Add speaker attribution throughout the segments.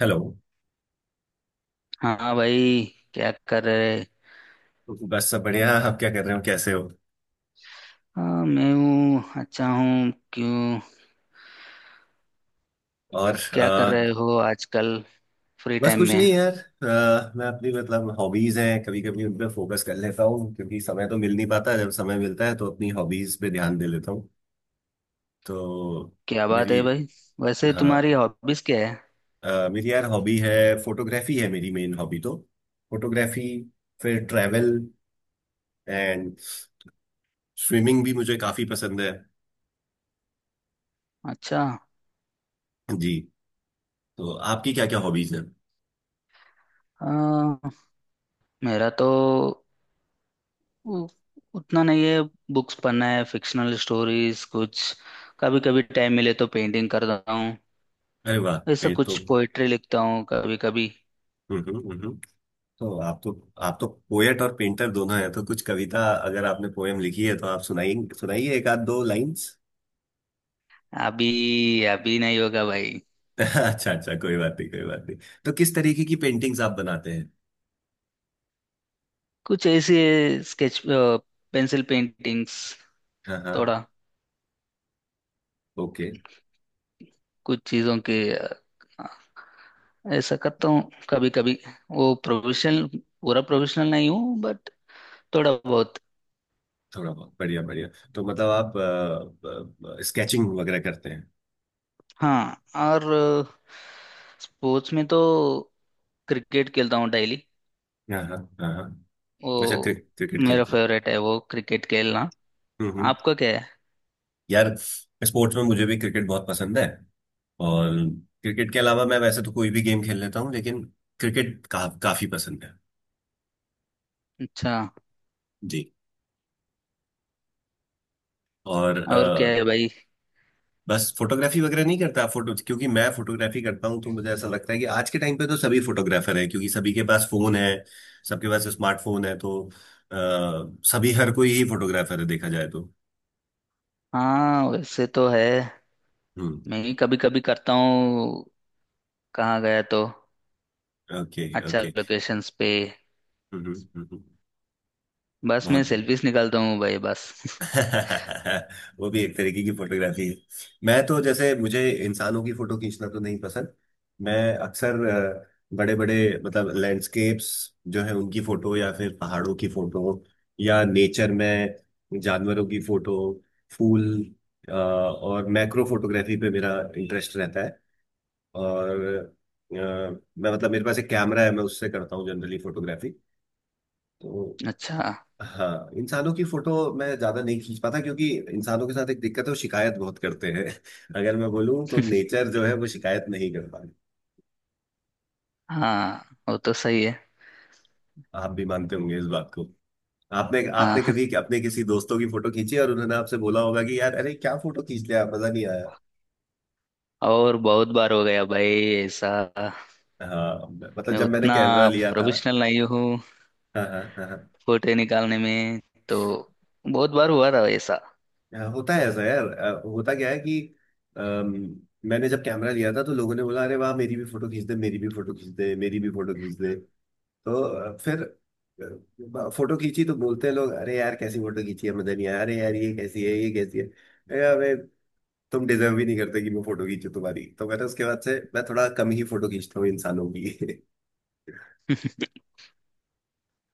Speaker 1: Hello.
Speaker 2: हाँ भाई। क्या कर रहे।
Speaker 1: बस सब बढ़िया। आप क्या कर रहे हो? कैसे हो?
Speaker 2: हाँ, मैं हूँ, अच्छा हूँ। क्यों।
Speaker 1: और
Speaker 2: क्या कर
Speaker 1: अ,
Speaker 2: रहे हो आजकल फ्री
Speaker 1: बस
Speaker 2: टाइम
Speaker 1: कुछ नहीं
Speaker 2: में।
Speaker 1: यार। मैं अपनी मतलब हॉबीज हैं, कभी कभी उन पे फोकस कर लेता हूँ क्योंकि समय तो मिल नहीं पाता। जब समय मिलता है तो अपनी हॉबीज पे ध्यान दे लेता हूँ। तो
Speaker 2: क्या बात
Speaker 1: मेरी
Speaker 2: है भाई। वैसे
Speaker 1: हाँ,
Speaker 2: तुम्हारी हॉबीज क्या है।
Speaker 1: मेरी यार हॉबी है। फोटोग्राफी है मेरी मेन हॉबी। तो फोटोग्राफी, फिर ट्रैवल एंड स्विमिंग भी मुझे काफी पसंद है।
Speaker 2: अच्छा।
Speaker 1: जी। तो आपकी क्या क्या हॉबीज हैं?
Speaker 2: हाँ, मेरा तो उ- उतना नहीं है। बुक्स पढ़ना है, फिक्शनल स्टोरीज कुछ। कभी कभी टाइम मिले तो पेंटिंग करता हूँ।
Speaker 1: अरे वाह!
Speaker 2: ऐसा
Speaker 1: ये तो।
Speaker 2: कुछ पोइट्री लिखता हूँ कभी कभी।
Speaker 1: हम्म। तो आप तो पोएट और पेंटर दोनों हैं, तो कुछ कविता, अगर आपने पोएम लिखी है तो आप सुनाइए। सुनाइए एक आध दो लाइंस।
Speaker 2: अभी अभी नहीं होगा भाई।
Speaker 1: अच्छा अच्छा, कोई बात नहीं, कोई बात नहीं। तो किस तरीके की पेंटिंग्स आप बनाते हैं?
Speaker 2: कुछ ऐसे, स्केच पेंसिल पेंटिंग्स
Speaker 1: हाँ हाँ।
Speaker 2: थोड़ा।
Speaker 1: ओके।
Speaker 2: कुछ चीज़ों के ऐसा करता हूँ कभी कभी। वो प्रोफेशनल, पूरा प्रोफेशनल नहीं हूँ बट थोड़ा बहुत।
Speaker 1: थोड़ा बहुत, बढ़िया बढ़िया। तो मतलब आप स्केचिंग वगैरह करते हैं?
Speaker 2: हाँ, और स्पोर्ट्स में तो क्रिकेट खेलता हूँ डेली
Speaker 1: हाँ हाँ हाँ हाँ। अच्छा, क्रि,
Speaker 2: वो।
Speaker 1: क्रिकेट
Speaker 2: मेरा
Speaker 1: खेलते हैं?
Speaker 2: फेवरेट है वो क्रिकेट खेलना।
Speaker 1: हम्म।
Speaker 2: आपका क्या है।
Speaker 1: यार, स्पोर्ट्स में मुझे भी क्रिकेट बहुत पसंद है। और क्रिकेट के अलावा मैं वैसे तो कोई भी गेम खेल लेता हूँ, लेकिन क्रिकेट का काफी पसंद है।
Speaker 2: अच्छा।
Speaker 1: जी। और
Speaker 2: और क्या
Speaker 1: अ,
Speaker 2: है भाई।
Speaker 1: बस फोटोग्राफी वगैरह नहीं करता आप? फोटो, क्योंकि मैं फोटोग्राफी करता हूँ तो मुझे ऐसा लगता है कि आज के टाइम पे तो सभी फोटोग्राफर हैं क्योंकि सभी के पास फोन है। सबके पास स्मार्टफोन है तो अ, सभी हर कोई ही फोटोग्राफर है देखा जाए तो।
Speaker 2: हाँ, वैसे तो है।
Speaker 1: हम्म।
Speaker 2: मैं भी कभी कभी करता हूँ। कहाँ गया तो
Speaker 1: ओके
Speaker 2: अच्छा
Speaker 1: ओके।
Speaker 2: लोकेशंस पे।
Speaker 1: हम्म हम्म हम्म, हम्म।
Speaker 2: बस मैं
Speaker 1: बहुत।
Speaker 2: सेल्फीज निकालता हूँ भाई, बस।
Speaker 1: वो भी एक तरीके की फोटोग्राफी है। मैं तो जैसे, मुझे इंसानों की फोटो खींचना तो नहीं पसंद। मैं अक्सर बड़े बड़े मतलब लैंडस्केप्स जो है उनकी फोटो, या फिर पहाड़ों की फोटो, या नेचर में जानवरों की फोटो, फूल, और मैक्रो फोटोग्राफी पे मेरा इंटरेस्ट रहता है। और अ, मैं मतलब मेरे पास एक कैमरा है, मैं उससे करता हूँ जनरली फोटोग्राफी। तो
Speaker 2: अच्छा।
Speaker 1: हाँ, इंसानों की फोटो मैं ज्यादा नहीं खींच पाता क्योंकि इंसानों के साथ एक दिक्कत है, वो शिकायत बहुत करते हैं। अगर मैं बोलूँ तो नेचर जो है वो शिकायत नहीं कर पाती।
Speaker 2: हाँ, वो तो सही है।
Speaker 1: आप भी मानते होंगे इस बात को। आपने
Speaker 2: हाँ।
Speaker 1: आपने कभी अपने किसी दोस्तों की फोटो खींची और उन्होंने आपसे बोला होगा कि यार अरे क्या फोटो खींच लिया, मजा नहीं आया।
Speaker 2: और बहुत बार हो गया भाई ऐसा।
Speaker 1: हाँ मतलब
Speaker 2: मैं
Speaker 1: जब मैंने
Speaker 2: उतना
Speaker 1: कैमरा लिया था।
Speaker 2: प्रोफेशनल नहीं हूँ
Speaker 1: हाँ हाँ हाँ हाँ।
Speaker 2: फोटो निकालने में, तो बहुत बार हुआ था ऐसा।
Speaker 1: हाँ, होता है ऐसा यार। होता क्या है कि अम, मैंने जब कैमरा लिया था तो लोगों ने बोला अरे वाह मेरी भी फोटो खींच दे, मेरी भी फोटो खींच दे, मेरी भी फोटो खींच दे। तो फिर फोटो खींची तो बोलते हैं लोग अरे यार कैसी फोटो खींची है मदन, यार अरे यार ये कैसी है अरे अबे, तुम डिजर्व भी नहीं करते कि मैं फोटो खींचूं तुम्हारी। तो मैंने उसके बाद से मैं थोड़ा कम ही फोटो खींचता हूँ इंसानों की।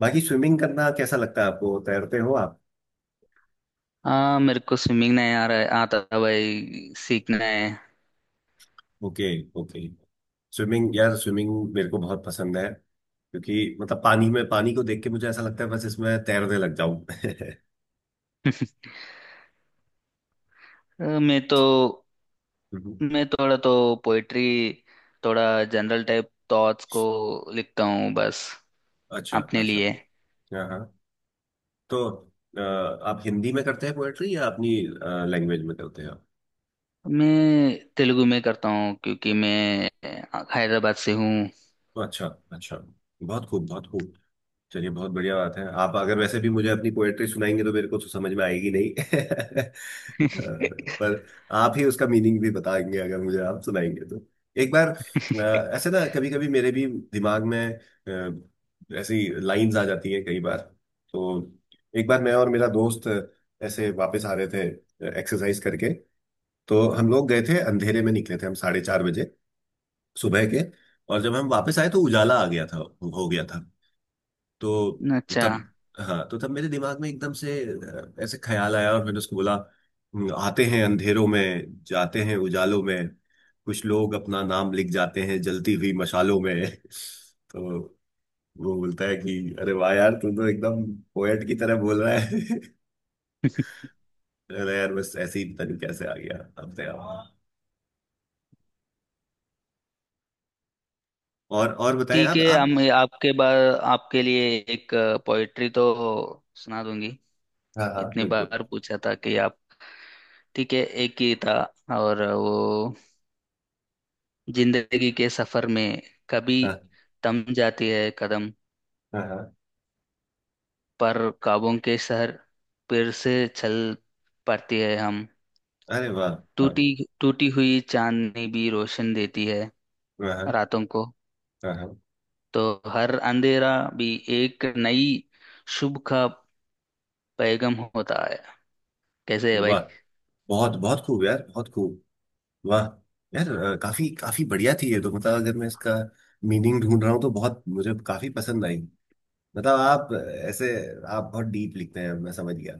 Speaker 1: बाकी स्विमिंग करना कैसा लगता है आपको? तैरते हो आप?
Speaker 2: हाँ, मेरे को स्विमिंग नहीं आ रहा है, आता था भाई, सीखना है।
Speaker 1: Okay okay. स्विमिंग, यार स्विमिंग मेरे को बहुत पसंद है क्योंकि मतलब पानी में, पानी को देख के मुझे ऐसा लगता है बस इसमें तैरने लग जाऊं।
Speaker 2: मैं तो, मैं थोड़ा तो पोइट्री, थोड़ा जनरल टाइप थॉट्स को लिखता हूँ बस,
Speaker 1: अच्छा
Speaker 2: अपने
Speaker 1: अच्छा।
Speaker 2: लिए।
Speaker 1: हाँ हाँ। तो अ, आप हिंदी में करते हैं पोएट्री या अपनी लैंग्वेज में करते हैं आप?
Speaker 2: मैं तेलुगु में करता हूँ क्योंकि मैं हैदराबाद से हूँ।
Speaker 1: तो अच्छा, अच्छा। बहुत खूब, बहुत खूब। चलिए, बहुत बढ़िया बात है। आप अगर वैसे भी मुझे अपनी पोएट्री सुनाएंगे तो मेरे को तो समझ में आएगी नहीं। अ, पर आप ही उसका मीनिंग भी बताएंगे अगर मुझे आप सुनाएंगे तो। एक बार, ऐसे ना, कभी कभी मेरे भी दिमाग में ऐसी लाइंस आ जाती हैं कई बार। तो एक बार मैं और मेरा दोस्त ऐसे वापस आ रहे थे एक्सरसाइज करके। तो हम लोग गए थे, अंधेरे में निकले थे हम 4:30 बजे सुबह के। और जब हम वापस आए तो उजाला आ गया था। हो गया था। तो
Speaker 2: अच्छा।
Speaker 1: तब हाँ, तो तब मेरे दिमाग में एकदम से ऐसे ख्याल आया और मैंने उसको बोला: आते हैं अंधेरों में, जाते हैं उजालों में, कुछ लोग अपना नाम लिख जाते हैं जलती हुई मशालों में।" तो वो बोलता है कि अरे वाह यार, तू तो एकदम पोएट की तरह बोल रहा है। अरे यार बस ऐसे ही, पता नहीं कैसे आ गया अपने आप। और बताएं,
Speaker 2: ठीक
Speaker 1: आप
Speaker 2: है,
Speaker 1: आप
Speaker 2: हम आपके बार, आपके लिए एक पोइट्री तो सुना दूंगी।
Speaker 1: हाँ हाँ
Speaker 2: इतनी
Speaker 1: बिल्कुल।
Speaker 2: बार पूछा था कि आप। ठीक है, एक ही था, और वो, जिंदगी के सफर में कभी
Speaker 1: हाँ
Speaker 2: थम जाती है कदम,
Speaker 1: हाँ हाँ।
Speaker 2: पर ख्वाबों के शहर फिर से चल पड़ती है हम।
Speaker 1: अरे वाह! वाह!
Speaker 2: टूटी, टूटी हुई चांदनी भी रोशन देती है
Speaker 1: वाह! हाँ
Speaker 2: रातों को।
Speaker 1: हाँ हाँ,
Speaker 2: तो हर अंधेरा भी एक नई शुभ का पैगाम होता है। कैसे है भाई।
Speaker 1: वाह! बहुत, बहुत खूब यार, बहुत खूब। वाह! यार, काफी काफी बढ़िया थी ये तो। मतलब अगर मैं इसका मीनिंग ढूंढ रहा हूँ तो बहुत मुझे काफी पसंद आई। मतलब आप ऐसे, आप बहुत डीप लिखते हैं मैं समझ गया।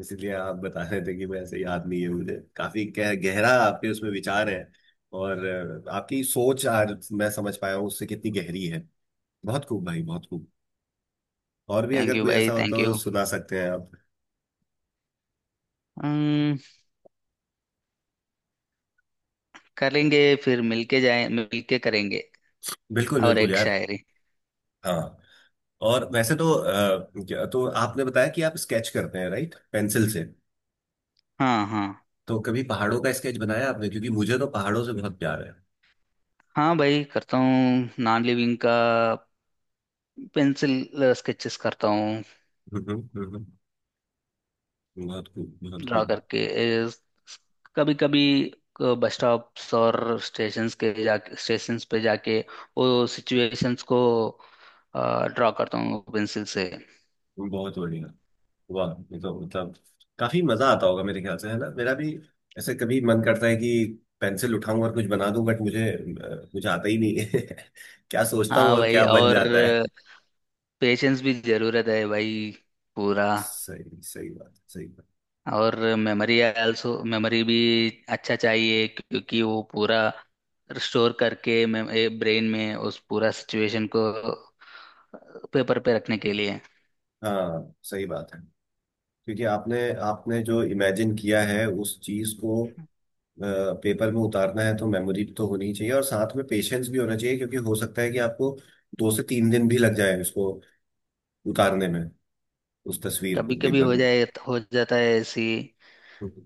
Speaker 1: इसीलिए आप बता रहे थे कि मैं ऐसे याद नहीं है मुझे। काफी गहरा आपके उसमें विचार है। और आपकी सोच आज मैं समझ पाया हूँ उससे कितनी गहरी है। बहुत खूब भाई, बहुत खूब। और भी
Speaker 2: थैंक
Speaker 1: अगर
Speaker 2: यू
Speaker 1: कोई
Speaker 2: भाई,
Speaker 1: ऐसा हो
Speaker 2: थैंक
Speaker 1: तो
Speaker 2: यू।
Speaker 1: सुना सकते हैं आप?
Speaker 2: अम्म, करेंगे, फिर मिलके जाए, मिलके करेंगे।
Speaker 1: बिल्कुल
Speaker 2: और
Speaker 1: बिल्कुल
Speaker 2: एक
Speaker 1: यार।
Speaker 2: शायरी।
Speaker 1: हाँ। और वैसे तो तो आपने बताया कि आप स्केच करते हैं, राइट, पेंसिल से?
Speaker 2: हाँ, हाँ।
Speaker 1: तो कभी पहाड़ों का स्केच बनाया आपने? क्योंकि मुझे तो पहाड़ों से बहुत प्यार है।
Speaker 2: हाँ भाई, करता हूँ नॉन लिविंग का पेंसिल स्केचेस करता हूँ।
Speaker 1: हम्म। बहुत खूब, बहुत
Speaker 2: ड्रा
Speaker 1: खूब।
Speaker 2: करके कभी कभी बस स्टॉप्स और स्टेशंस के जा स्टेशंस पे जाके वो सिचुएशंस को ड्रा करता हूँ पेंसिल से।
Speaker 1: बहुत बढ़िया। वाह, ये तो मतलब काफी मजा आता होगा मेरे ख्याल से, है ना? मेरा भी ऐसे कभी मन करता है कि पेंसिल उठाऊं और कुछ बना दूं, बट मुझे आता ही नहीं है। क्या सोचता हूँ
Speaker 2: हाँ
Speaker 1: और
Speaker 2: भाई,
Speaker 1: क्या बन
Speaker 2: और
Speaker 1: जाता है।
Speaker 2: पेशेंस भी जरूरत है भाई, पूरा।
Speaker 1: सही सही बात है, सही बात।
Speaker 2: और मेमोरी भी अच्छा चाहिए क्योंकि वो पूरा स्टोर करके ब्रेन में उस पूरा सिचुएशन को पेपर पे रखने के लिए।
Speaker 1: हाँ सही बात है। क्योंकि आपने आपने जो इमेजिन किया है उस चीज को पेपर में उतारना है तो मेमोरी तो होनी चाहिए और साथ में पेशेंस भी होना चाहिए, क्योंकि हो सकता है कि आपको 2 से 3 दिन भी लग जाए उसको उतारने में। उस तस्वीर को
Speaker 2: कभी कभी
Speaker 1: पेपर
Speaker 2: हो
Speaker 1: में।
Speaker 2: जाए, हो जाता है ऐसी।
Speaker 1: बहुत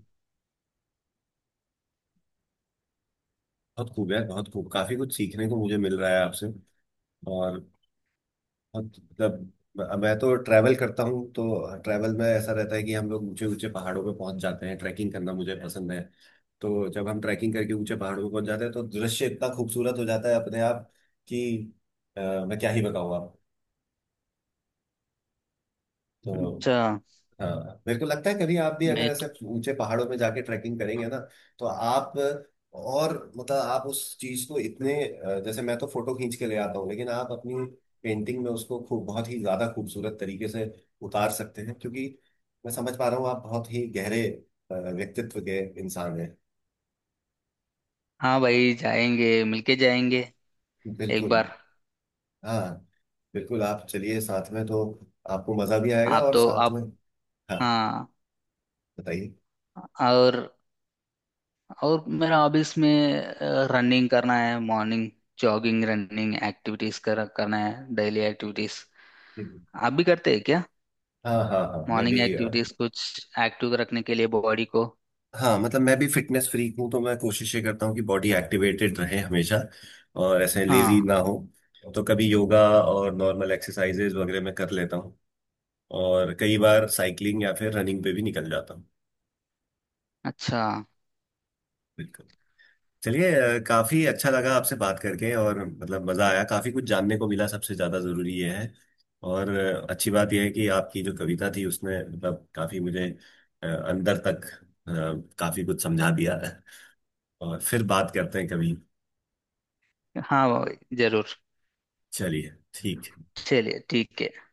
Speaker 1: खूब है, बहुत खूब। काफी कुछ सीखने को मुझे मिल रहा है आपसे। और बहुत मतलब, मैं तो ट्रैवल करता हूँ तो ट्रैवल में ऐसा रहता है कि हम लोग ऊंचे ऊंचे पहाड़ों पे पहुंच जाते हैं। ट्रैकिंग करना मुझे पसंद है। तो जब हम ट्रैकिंग करके ऊंचे पहाड़ों पर पहुंच जाते हैं तो दृश्य इतना खूबसूरत हो जाता है अपने आप कि अ, मैं क्या ही बताऊँ आपको तो।
Speaker 2: अच्छा।
Speaker 1: हाँ, मेरे को लगता है कभी आप भी अगर
Speaker 2: मैं
Speaker 1: ऐसे
Speaker 2: तो।
Speaker 1: ऊंचे पहाड़ों में जाके ट्रैकिंग करेंगे ना तो आप, और मतलब आप उस चीज को इतने जैसे मैं तो फोटो खींच के ले आता हूँ लेकिन आप अपनी पेंटिंग में उसको खूब बहुत ही ज्यादा खूबसूरत तरीके से उतार सकते हैं क्योंकि मैं समझ पा रहा हूँ आप बहुत ही गहरे व्यक्तित्व के इंसान हैं।
Speaker 2: हाँ भाई, जाएंगे मिलके जाएंगे। एक
Speaker 1: बिल्कुल।
Speaker 2: बार।
Speaker 1: हाँ। बिल्कुल आप चलिए साथ में तो आपको मजा भी आएगा
Speaker 2: आप
Speaker 1: और
Speaker 2: तो
Speaker 1: साथ
Speaker 2: आप।
Speaker 1: में। हाँ।
Speaker 2: हाँ।
Speaker 1: बताइए।
Speaker 2: और और मेरा हॉबीज में रनिंग करना है, मॉर्निंग जॉगिंग रनिंग एक्टिविटीज कर करना है डेली एक्टिविटीज।
Speaker 1: हम्म।
Speaker 2: आप भी करते हैं क्या।
Speaker 1: हाँ हाँ हाँ मैं
Speaker 2: मॉर्निंग
Speaker 1: भी
Speaker 2: एक्टिविटीज कुछ एक्टिव रखने के लिए बॉडी को।
Speaker 1: हाँ मतलब मैं भी फिटनेस फ्रीक हूँ तो मैं कोशिश ये करता हूँ कि बॉडी एक्टिवेटेड रहे हमेशा और ऐसे लेजी
Speaker 2: हाँ।
Speaker 1: ना हो। तो कभी योगा और नॉर्मल एक्सरसाइजेज वगैरह मैं कर लेता हूँ। और कई बार साइकिलिंग या फिर रनिंग पे भी निकल जाता हूँ।
Speaker 2: अच्छा।
Speaker 1: बिल्कुल। चलिए, काफी अच्छा लगा आपसे बात करके और मतलब मजा आया, काफी कुछ जानने को मिला, सबसे ज्यादा जरूरी ये है। और अच्छी बात यह है कि आपकी जो कविता थी उसने मतलब काफी मुझे अंदर तक काफी कुछ समझा दिया। और फिर बात करते हैं कभी।
Speaker 2: हाँ, जरूर।
Speaker 1: चलिए ठीक है।
Speaker 2: चलिए ठीक है।